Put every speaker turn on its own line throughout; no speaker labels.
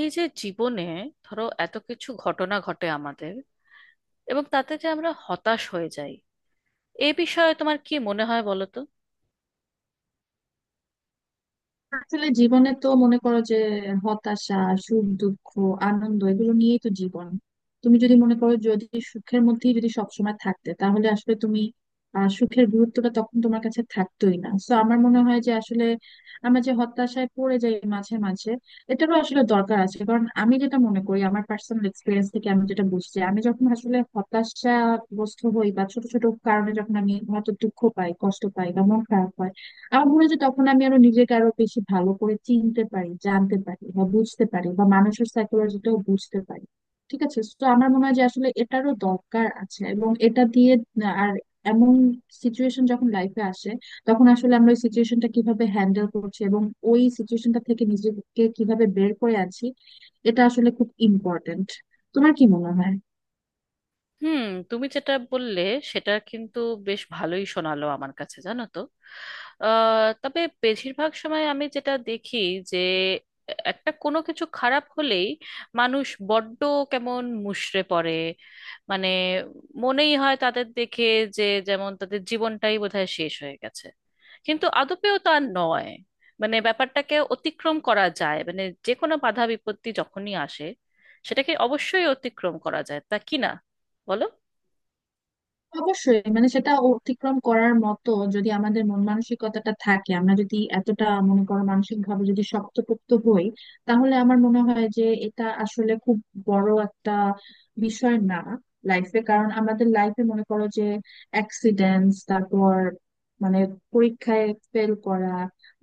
এই যে জীবনে ধরো এত কিছু ঘটনা ঘটে আমাদের, এবং তাতে যে আমরা হতাশ হয়ে যাই, এ বিষয়ে তোমার কি মনে হয় বলো তো।
আসলে জীবনে তো মনে করো যে হতাশা, সুখ, দুঃখ, আনন্দ এগুলো নিয়েই তো জীবন। তুমি যদি মনে করো, যদি সুখের মধ্যেই যদি সবসময় থাকতে, তাহলে আসলে তুমি সুখের গুরুত্বটা তখন তোমার কাছে থাকতোই না। তো আমার মনে হয় যে আসলে আমরা যে হতাশায় পড়ে যাই মাঝে মাঝে, এটারও আসলে দরকার আছে। কারণ আমি যেটা মনে করি, আমার পার্সোনাল এক্সপিরিয়েন্স থেকে আমি যেটা বুঝছি, আমি যখন আসলে হতাশাগ্রস্ত হই বা ছোট ছোট কারণে যখন আমি হয়তো দুঃখ পাই, কষ্ট পাই বা মন খারাপ হয়, আমার মনে হয় যে তখন আমি আরো নিজেকে আরো বেশি ভালো করে চিনতে পারি, জানতে পারি বা বুঝতে পারি, বা মানুষের সাইকোলজিটাও বুঝতে পারি। ঠিক আছে, তো আমার মনে হয় যে আসলে এটারও দরকার আছে। এবং এটা দিয়ে আর এমন সিচুয়েশন যখন লাইফে আসে, তখন আসলে আমরা ওই সিচুয়েশনটা কিভাবে হ্যান্ডেল করছি এবং ওই সিচুয়েশনটা থেকে নিজেকে কিভাবে বের করে আনছি, এটা আসলে খুব ইম্পর্টেন্ট। তোমার কি মনে হয়?
হুম, তুমি যেটা বললে সেটা কিন্তু বেশ ভালোই শোনালো আমার কাছে, জানো তো। তবে বেশিরভাগ সময় আমি যেটা দেখি, যে একটা কোনো কিছু খারাপ হলেই মানুষ বড্ড কেমন মুষড়ে পড়ে। মানে মনেই হয় তাদের দেখে, যে যেমন তাদের জীবনটাই বোধহয় শেষ হয়ে গেছে। কিন্তু আদপেও তা নয়। মানে ব্যাপারটাকে অতিক্রম করা যায়, মানে যে কোনো বাধা বিপত্তি যখনই আসে সেটাকে অবশ্যই অতিক্রম করা যায়, তা কি না, বলো।
অবশ্যই, মানে সেটা অতিক্রম করার মতো যদি আমাদের মন মানসিকতাটা থাকে, আমরা যদি এতটা মনে করো মানসিক ভাবে যদি শক্তপোক্ত হই, তাহলে আমার মনে হয় যে এটা আসলে খুব বড় একটা বিষয় না লাইফে। কারণ আমাদের লাইফে মনে করো যে অ্যাক্সিডেন্টস, তারপর মানে পরীক্ষায় ফেল করা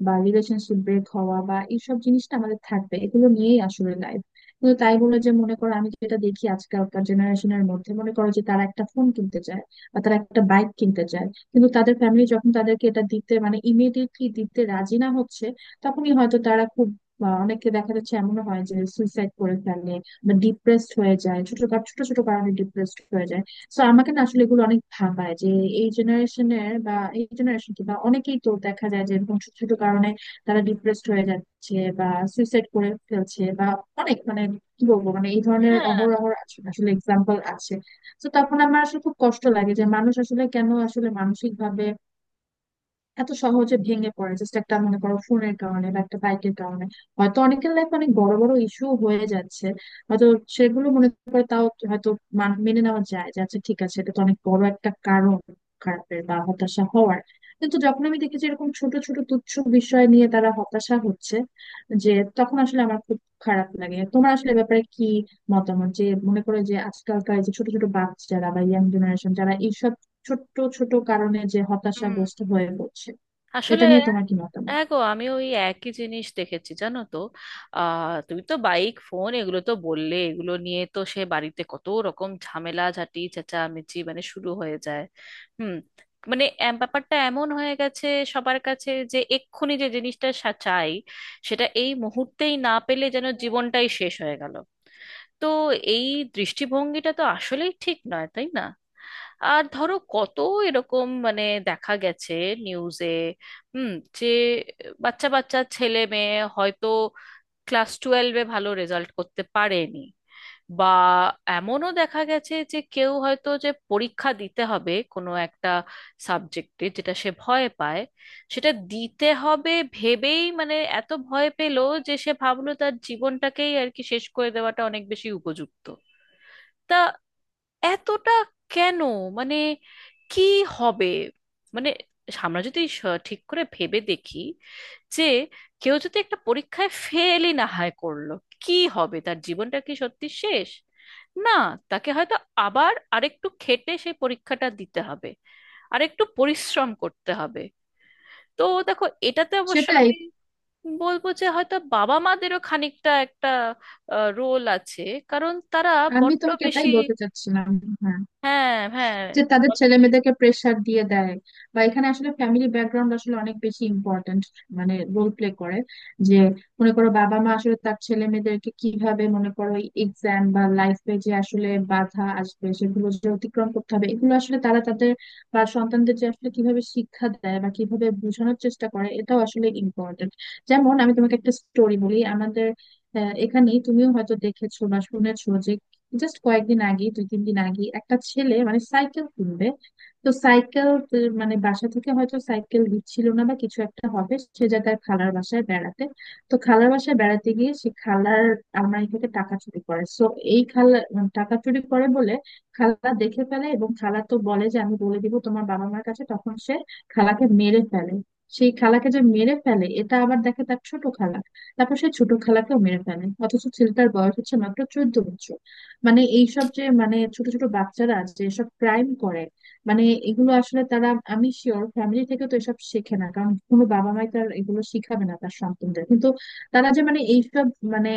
বা রিলেশনশিপ ব্রেক হওয়া বা এইসব জিনিসটা আমাদের থাকবে, এগুলো নিয়েই আসলে লাইফ। কিন্তু তাই বলে যে মনে করো, আমি যেটা দেখি আজকালকার জেনারেশনের মধ্যে, মনে করো যে তারা একটা ফোন কিনতে চায় বা তারা একটা বাইক কিনতে চায়, কিন্তু তাদের ফ্যামিলি যখন তাদেরকে এটা দিতে, মানে ইমিডিয়েটলি দিতে রাজি না হচ্ছে, তখনই হয়তো তারা খুব অনেকে দেখা যাচ্ছে এমন হয় যে সুইসাইড করে ফেলে বা ডিপ্রেসড হয়ে যায়। ছোট ছোট কারণে ডিপ্রেসড হয়ে যায়। তো আমাকে না আসলে এগুলো অনেক ভাবায় যে এই জেনারেশনের বা এই জেনারেশন কি, বা অনেকেই তো দেখা যায় যে এরকম ছোট ছোট কারণে তারা ডিপ্রেসড হয়ে যাচ্ছে বা সুইসাইড করে ফেলছে বা অনেক মানে কি বলবো, মানে এই ধরনের
হ্যাঁ,
অহরহ আছে। আসলে এক্সাম্পল আছে। তো তখন আমার আসলে খুব কষ্ট লাগে যে মানুষ আসলে কেন আসলে মানসিক ভাবে এত সহজে ভেঙে পড়ে, জাস্ট একটা মনে করো ফোনের কারণে বা একটা বাইকের কারণে। হয়তো অনেকের লাইফ অনেক বড় বড় ইস্যু হয়ে যাচ্ছে, হয়তো সেগুলো মনে করে তাও হয়তো মেনে নেওয়া যায় যে আচ্ছা ঠিক আছে, এটা তো অনেক বড় একটা কারণ খারাপের বা হতাশা হওয়ার। কিন্তু যখন আমি দেখেছি এরকম ছোট ছোট তুচ্ছ বিষয় নিয়ে তারা হতাশা হচ্ছে, যে তখন আসলে আমার খুব খারাপ লাগে। তোমার আসলে এ ব্যাপারে কি মতামত, যে মনে করে যে আজকালকার যে ছোট ছোট বাচ্চারা বা ইয়াং জেনারেশন যারা এইসব ছোট্ট ছোট কারণে যে হতাশাগ্রস্ত হয়ে পড়ছে,
আসলে
এটা নিয়ে তোমার কি মতামত?
হ্যাঁ গো, আমি ওই একই জিনিস দেখেছি, জানো তো। তুমি তো বাইক, ফোন এগুলো তো বললে, এগুলো নিয়ে তো সে বাড়িতে কত রকম ঝামেলা ঝাঁটি চেঁচামেচি মানে শুরু হয়ে যায়। হুম, ব্যাপারটা এমন হয়ে গেছে সবার কাছে, যে এক্ষুনি যে জিনিসটা চাই সেটা এই মুহূর্তেই না পেলে যেন জীবনটাই শেষ হয়ে গেল। তো এই দৃষ্টিভঙ্গিটা তো আসলেই ঠিক নয়, তাই না? আর ধরো কত এরকম মানে দেখা গেছে নিউজে। হুম, যে বাচ্চা বাচ্চা ছেলে মেয়ে হয়তো ক্লাস 12-এ ভালো রেজাল্ট করতে পারেনি, বা এমনও দেখা গেছে যে কেউ হয়তো, যে পরীক্ষা দিতে হবে কোনো একটা সাবজেক্টে যেটা সে ভয় পায়, সেটা দিতে হবে ভেবেই মানে এত ভয় পেল যে সে ভাবলো তার জীবনটাকেই আর কি শেষ করে দেওয়াটা অনেক বেশি উপযুক্ত। তা এতটা কেন? মানে কি হবে? মানে আমরা যদি ঠিক করে ভেবে দেখি, যে কেউ যদি একটা পরীক্ষায় ফেলই না হয় করলো, কি হবে? তার জীবনটা কি সত্যি শেষ? না, তাকে হয়তো আবার আরেকটু খেটে সেই পরীক্ষাটা দিতে হবে, আরেকটু পরিশ্রম করতে হবে। তো দেখো এটাতে অবশ্য
সেটাই,
আমি বলবো যে হয়তো বাবা মাদেরও খানিকটা একটা রোল আছে। কারণ তারা
আমি
বড্ড
তোমাকে
বেশি।
এটাই বলতে চাচ্ছিলাম। হ্যাঁ,
হ্যাঁ হ্যাঁ,
যে তাদের
বলো।
ছেলে মেয়েদেরকে প্রেসার দিয়ে দেয়, বা এখানে আসলে ফ্যামিলি ব্যাকগ্রাউন্ড আসলে অনেক বেশি ইম্পর্ট্যান্ট, মানে রোল প্লে করে। যে মনে করো বাবা মা আসলে তার ছেলে মেয়েদেরকে কিভাবে, মনে করো এক্সাম বা লাইফে যে আসলে বাধা আসবে সেগুলো যে অতিক্রম করতে হবে, এগুলো আসলে তারা তাদের বা সন্তানদের যে আসলে কিভাবে শিক্ষা দেয় বা কিভাবে বোঝানোর চেষ্টা করে, এটাও আসলে ইম্পর্ট্যান্ট। যেমন আমি তোমাকে একটা স্টোরি বলি আমাদের এখানেই তুমিও হয়তো দেখেছো বা শুনেছো যে জাস্ট কয়েকদিন আগে, দুই তিন দিন আগে, একটা ছেলে মানে সাইকেল কিনবে। তো সাইকেল মানে বাসা থেকে হয়তো সাইকেল দিচ্ছিল না বা কিছু একটা হবে, সে যায় তার খালার বাসায় বেড়াতে। তো খালার বাসায় বেড়াতে গিয়ে সে খালার আলমারি থেকে টাকা চুরি করে। সো এই খালা মানে টাকা চুরি করে বলে, খালা দেখে ফেলে এবং খালা তো বলে যে আমি বলে দিব তোমার বাবা মার কাছে, তখন সে খালাকে মেরে ফেলে। সেই খালাকে যে মেরে ফেলে, এটা আবার দেখে তার ছোট খালা, তারপর সে ছোট খালাকেও মেরে ফেলে। অথচ ছেলেটার বয়স হচ্ছে মাত্র 14 বছর। মানে এইসব যে মানে ছোট ছোট বাচ্চারা যে এসব ক্রাইম করে, মানে এগুলো আসলে তারা, আমি শিওর ফ্যামিলি থেকে তো এসব শেখে না, কারণ কোনো বাবা মাই তার এগুলো শিখাবে না তার সন্তানদের। কিন্তু তারা যে মানে এইসব মানে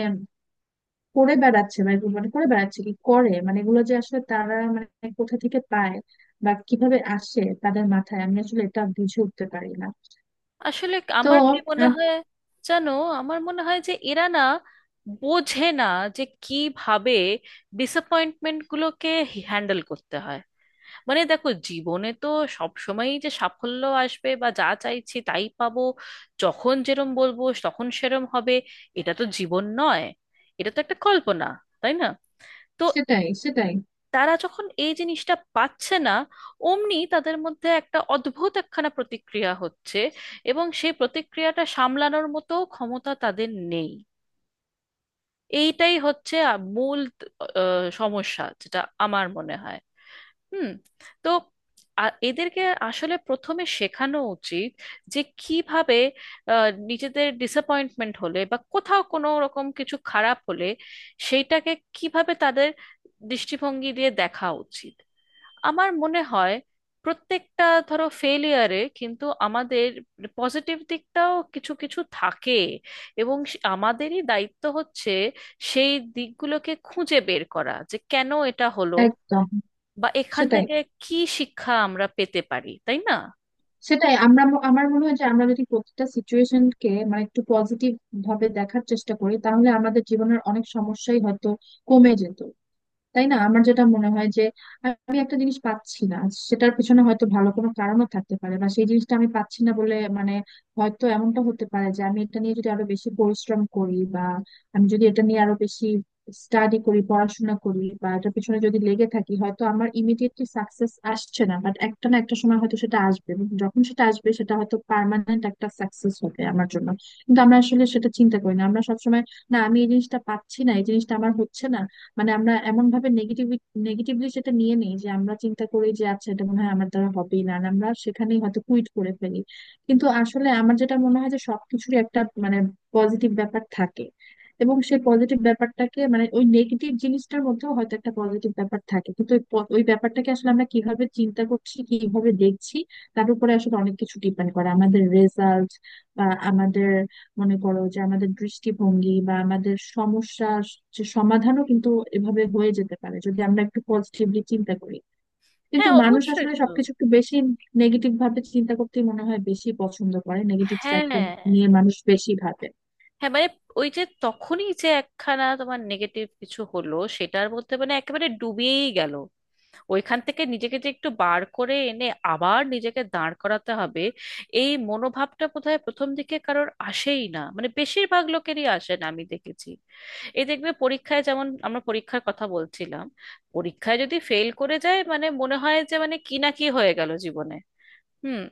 করে বেড়াচ্ছে বা এগুলো মানে করে বেড়াচ্ছে কি করে, মানে এগুলো যে আসলে তারা মানে কোথা থেকে পায় বা কিভাবে আসে তাদের মাথায়, আমি আসলে এটা বুঝে উঠতে পারি না।
আসলে
তো
আমার কি মনে
আম-
হয় জানো, আমার মনে হয় যে এরা না বোঝে না যে কিভাবে ডিসঅ্যাপয়েন্টমেন্ট গুলোকে হ্যান্ডেল করতে হয়। মানে দেখো, জীবনে তো সব সময়ই যে সাফল্য আসবে বা যা চাইছি তাই পাবো, যখন যেরম বলবো তখন সেরম হবে, এটা তো জীবন নয়, এটা তো একটা কল্পনা, তাই না? তো
সেটাই, সেটাই,
তারা যখন এই জিনিসটা পাচ্ছে না, অমনি তাদের মধ্যে একটা অদ্ভুত একখানা প্রতিক্রিয়া হচ্ছে, এবং সেই প্রতিক্রিয়াটা সামলানোর মতো ক্ষমতা তাদের নেই। এইটাই হচ্ছে মূল সমস্যা, যেটা আমার মনে হয়। হুম, তো এদেরকে আসলে প্রথমে শেখানো উচিত যে কিভাবে নিজেদের ডিসঅ্যাপয়েন্টমেন্ট হলে বা কোথাও কোনো রকম কিছু খারাপ হলে সেইটাকে কিভাবে তাদের দৃষ্টিভঙ্গি দিয়ে দেখা উচিত। আমার মনে হয় প্রত্যেকটা, ধরো, ফেলিয়ারে কিন্তু আমাদের পজিটিভ দিকটাও কিছু কিছু থাকে। এবং আমাদেরই দায়িত্ব হচ্ছে সেই দিকগুলোকে খুঁজে বের করা, যে কেন এটা হলো
একদম।
বা এখান
সেটাই,
থেকে কি শিক্ষা আমরা পেতে পারি, তাই না?
সেটাই, আমার মনে হয় যে আমরা যদি প্রতিটা সিচুয়েশনকে মানে একটু পজিটিভ ভাবে দেখার চেষ্টা করি, তাহলে আমাদের জীবনের অনেক সমস্যাই হয়তো কমে যেত, তাই না? আমার যেটা মনে হয় যে আমি একটা জিনিস পাচ্ছি না, সেটার পিছনে হয়তো ভালো কোনো কারণও থাকতে পারে। বা সেই জিনিসটা আমি পাচ্ছি না বলে মানে হয়তো এমনটা হতে পারে যে আমি এটা নিয়ে যদি আরো বেশি পরিশ্রম করি, বা আমি যদি এটা নিয়ে আরো বেশি স্টাডি করি, পড়াশোনা করি বা এটার পিছনে যদি লেগে থাকি, হয়তো আমার ইমিডিয়েটলি সাকসেস আসছে না, বাট একটা না একটা সময় হয়তো সেটা আসবে। এবং যখন সেটা আসবে সেটা হয়তো পার্মানেন্ট একটা সাকসেস হবে আমার জন্য। কিন্তু আমরা আসলে সেটা চিন্তা করি না, আমরা সবসময় না, আমি এই জিনিসটা পাচ্ছি না, এই জিনিসটা আমার হচ্ছে না, মানে আমরা এমন ভাবে নেগেটিভ নেগেটিভলি সেটা নিয়ে নেই যে আমরা চিন্তা করি যে আচ্ছা এটা মনে হয় আমার দ্বারা হবেই না, আর আমরা সেখানেই হয়তো কুইট করে ফেলি। কিন্তু আসলে আমার যেটা মনে হয় যে সবকিছুরই একটা মানে পজিটিভ ব্যাপার থাকে, এবং সেই পজিটিভ ব্যাপারটাকে মানে ওই নেগেটিভ জিনিসটার মধ্যেও হয়তো একটা পজিটিভ ব্যাপার থাকে। কিন্তু ওই ব্যাপারটাকে আসলে আমরা কিভাবে চিন্তা করছি, কিভাবে দেখছি, তার উপরে আসলে অনেক কিছু ডিপেন্ড করে আমাদের রেজাল্ট বা আমাদের, মনে করো যে আমাদের দৃষ্টিভঙ্গি বা আমাদের সমস্যা যে সমাধানও কিন্তু এভাবে হয়ে যেতে পারে যদি আমরা একটু পজিটিভলি চিন্তা করি। কিন্তু
হ্যাঁ
মানুষ
অবশ্যই
আসলে
তো।
সবকিছু একটু বেশি নেগেটিভ ভাবে চিন্তা করতে মনে হয় বেশি পছন্দ করে। নেগেটিভ সাইডটা
হ্যাঁ
নিয়ে মানুষ বেশি ভাবে।
হ্যাঁ, মানে ওই যে তখনই যে একখানা তোমার নেগেটিভ কিছু হলো, সেটার মধ্যে মানে একেবারে ডুবেই গেল। ওইখান থেকে নিজেকে যে একটু বার করে এনে আবার নিজেকে দাঁড় করাতে হবে, এই মনোভাবটা বোধহয় প্রথম দিকে কারোর আসেই না, মানে বেশিরভাগ লোকেরই আসে না, আমি দেখেছি। এই দেখবে, পরীক্ষায়, যেমন আমরা পরীক্ষার কথা বলছিলাম, পরীক্ষায় যদি ফেল করে যায়, মানে মনে হয় যে মানে কি না কি হয়ে গেল জীবনে। হুম,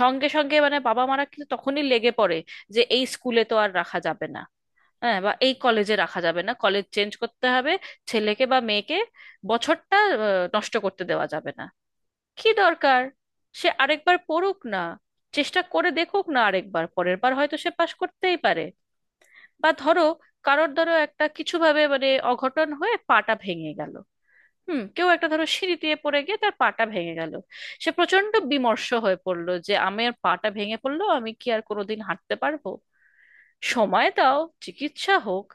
সঙ্গে সঙ্গে মানে বাবা মারা কিন্তু তখনই লেগে পড়ে যে এই স্কুলে তো আর রাখা যাবে না। হ্যাঁ, বা এই কলেজে রাখা যাবে না, কলেজ চেঞ্জ করতে হবে ছেলেকে বা মেয়েকে। বছরটা নষ্ট করতে দেওয়া যাবে না। কি দরকার? সে আরেকবার পড়ুক না, চেষ্টা করে দেখুক না, আরেকবার পরের বার হয়তো সে পাশ করতেই পারে। বা ধরো কারোর, ধরো, একটা কিছু ভাবে মানে অঘটন হয়ে পাটা ভেঙে গেল। হুম, কেউ একটা ধরো সিঁড়ি দিয়ে পড়ে গিয়ে তার পাটা ভেঙে গেল। সে প্রচন্ড বিমর্ষ হয়ে পড়লো যে আমার পাটা ভেঙে পড়লো, আমি কি আর কোনোদিন হাঁটতে পারবো? সময় দাও, চিকিৎসা হোক,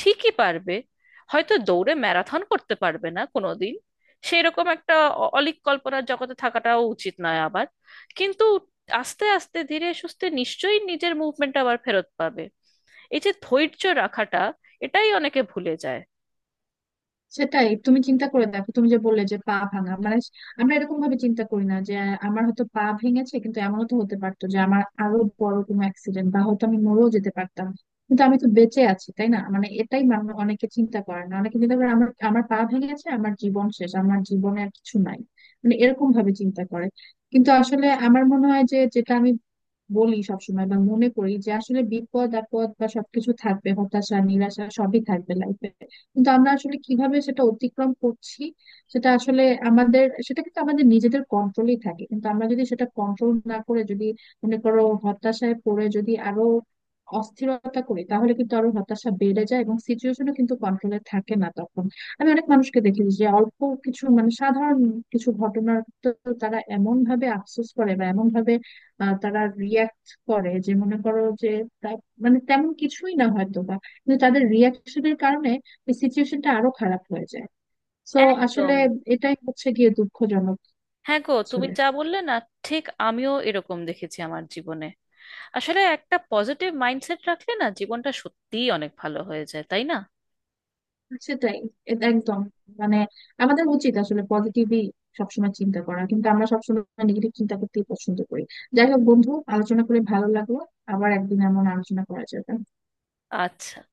ঠিকই পারবে। হয়তো দৌড়ে ম্যারাথন করতে পারবে না কোনোদিন, সেরকম একটা অলীক কল্পনার জগতে থাকাটাও উচিত নয় আবার, কিন্তু আস্তে আস্তে ধীরে সুস্থে নিশ্চয়ই নিজের মুভমেন্ট আবার ফেরত পাবে। এই যে ধৈর্য রাখাটা, এটাই অনেকে ভুলে যায়।
সেটাই, তুমি চিন্তা করে দেখো, তুমি যে বললে যে পা ভাঙা, মানে আমরা এরকম ভাবে চিন্তা করি না যে আমার হয়তো পা ভেঙেছে, কিন্তু এমনও তো হতে পারতো যে আমার আরো বড় কোনো অ্যাক্সিডেন্ট বা হয়তো আমি মরেও যেতে পারতাম। কিন্তু আমি তো বেঁচে আছি, তাই না? মানে এটাই মানুষ অনেকে চিন্তা করে না, অনেকে চিন্তা করে আমার আমার পা ভেঙেছে, আমার জীবন শেষ, আমার জীবনে আর কিছু নাই, মানে এরকম ভাবে চিন্তা করে। কিন্তু আসলে আমার মনে হয় যে, যেটা আমি বলি সবসময় বা মনে করি যে আসলে বিপদ আপদ বা সবকিছু থাকবে, হতাশা নিরাশা সবই থাকবে লাইফে, কিন্তু আমরা আসলে কিভাবে সেটা অতিক্রম করছি সেটা আসলে, আমাদের সেটা কিন্তু আমাদের নিজেদের কন্ট্রোলেই থাকে। কিন্তু আমরা যদি সেটা কন্ট্রোল না করে, যদি মনে করো হতাশায় পড়ে যদি আরো অস্থিরতা করি, তাহলে কিন্তু আরো হতাশা বেড়ে যায় এবং সিচুয়েশনও কিন্তু কন্ট্রোলে থাকে না তখন। আমি অনেক মানুষকে দেখি যে অল্প কিছু মানে সাধারণ কিছু ঘটনার তো তারা এমন ভাবে আফসোস করে বা এমন ভাবে তারা রিয়াক্ট করে যে মনে করো যে তা- মানে তেমন কিছুই না হয়তো, বা কিন্তু তাদের রিয়াকশনের কারণে এই সিচুয়েশনটা আরো খারাপ হয়ে যায়। তো আসলে
একদম।
এটাই হচ্ছে গিয়ে দুঃখজনক।
হ্যাঁ গো, তুমি
আসলে
যা বললে না, ঠিক আমিও এরকম দেখেছি আমার জীবনে। আসলে একটা পজিটিভ মাইন্ডসেট রাখলে না, জীবনটা সত্যিই অনেক ভালো হয়ে যায়, তাই না?
সেটাই, একদম, মানে আমাদের উচিত আসলে পজিটিভই সবসময় চিন্তা করা, কিন্তু আমরা সবসময় নেগেটিভ চিন্তা করতেই পছন্দ করি। যাই হোক, বন্ধু, আলোচনা করে ভালো লাগলো। আবার একদিন এমন আলোচনা করা যাবে।
আচ্ছা।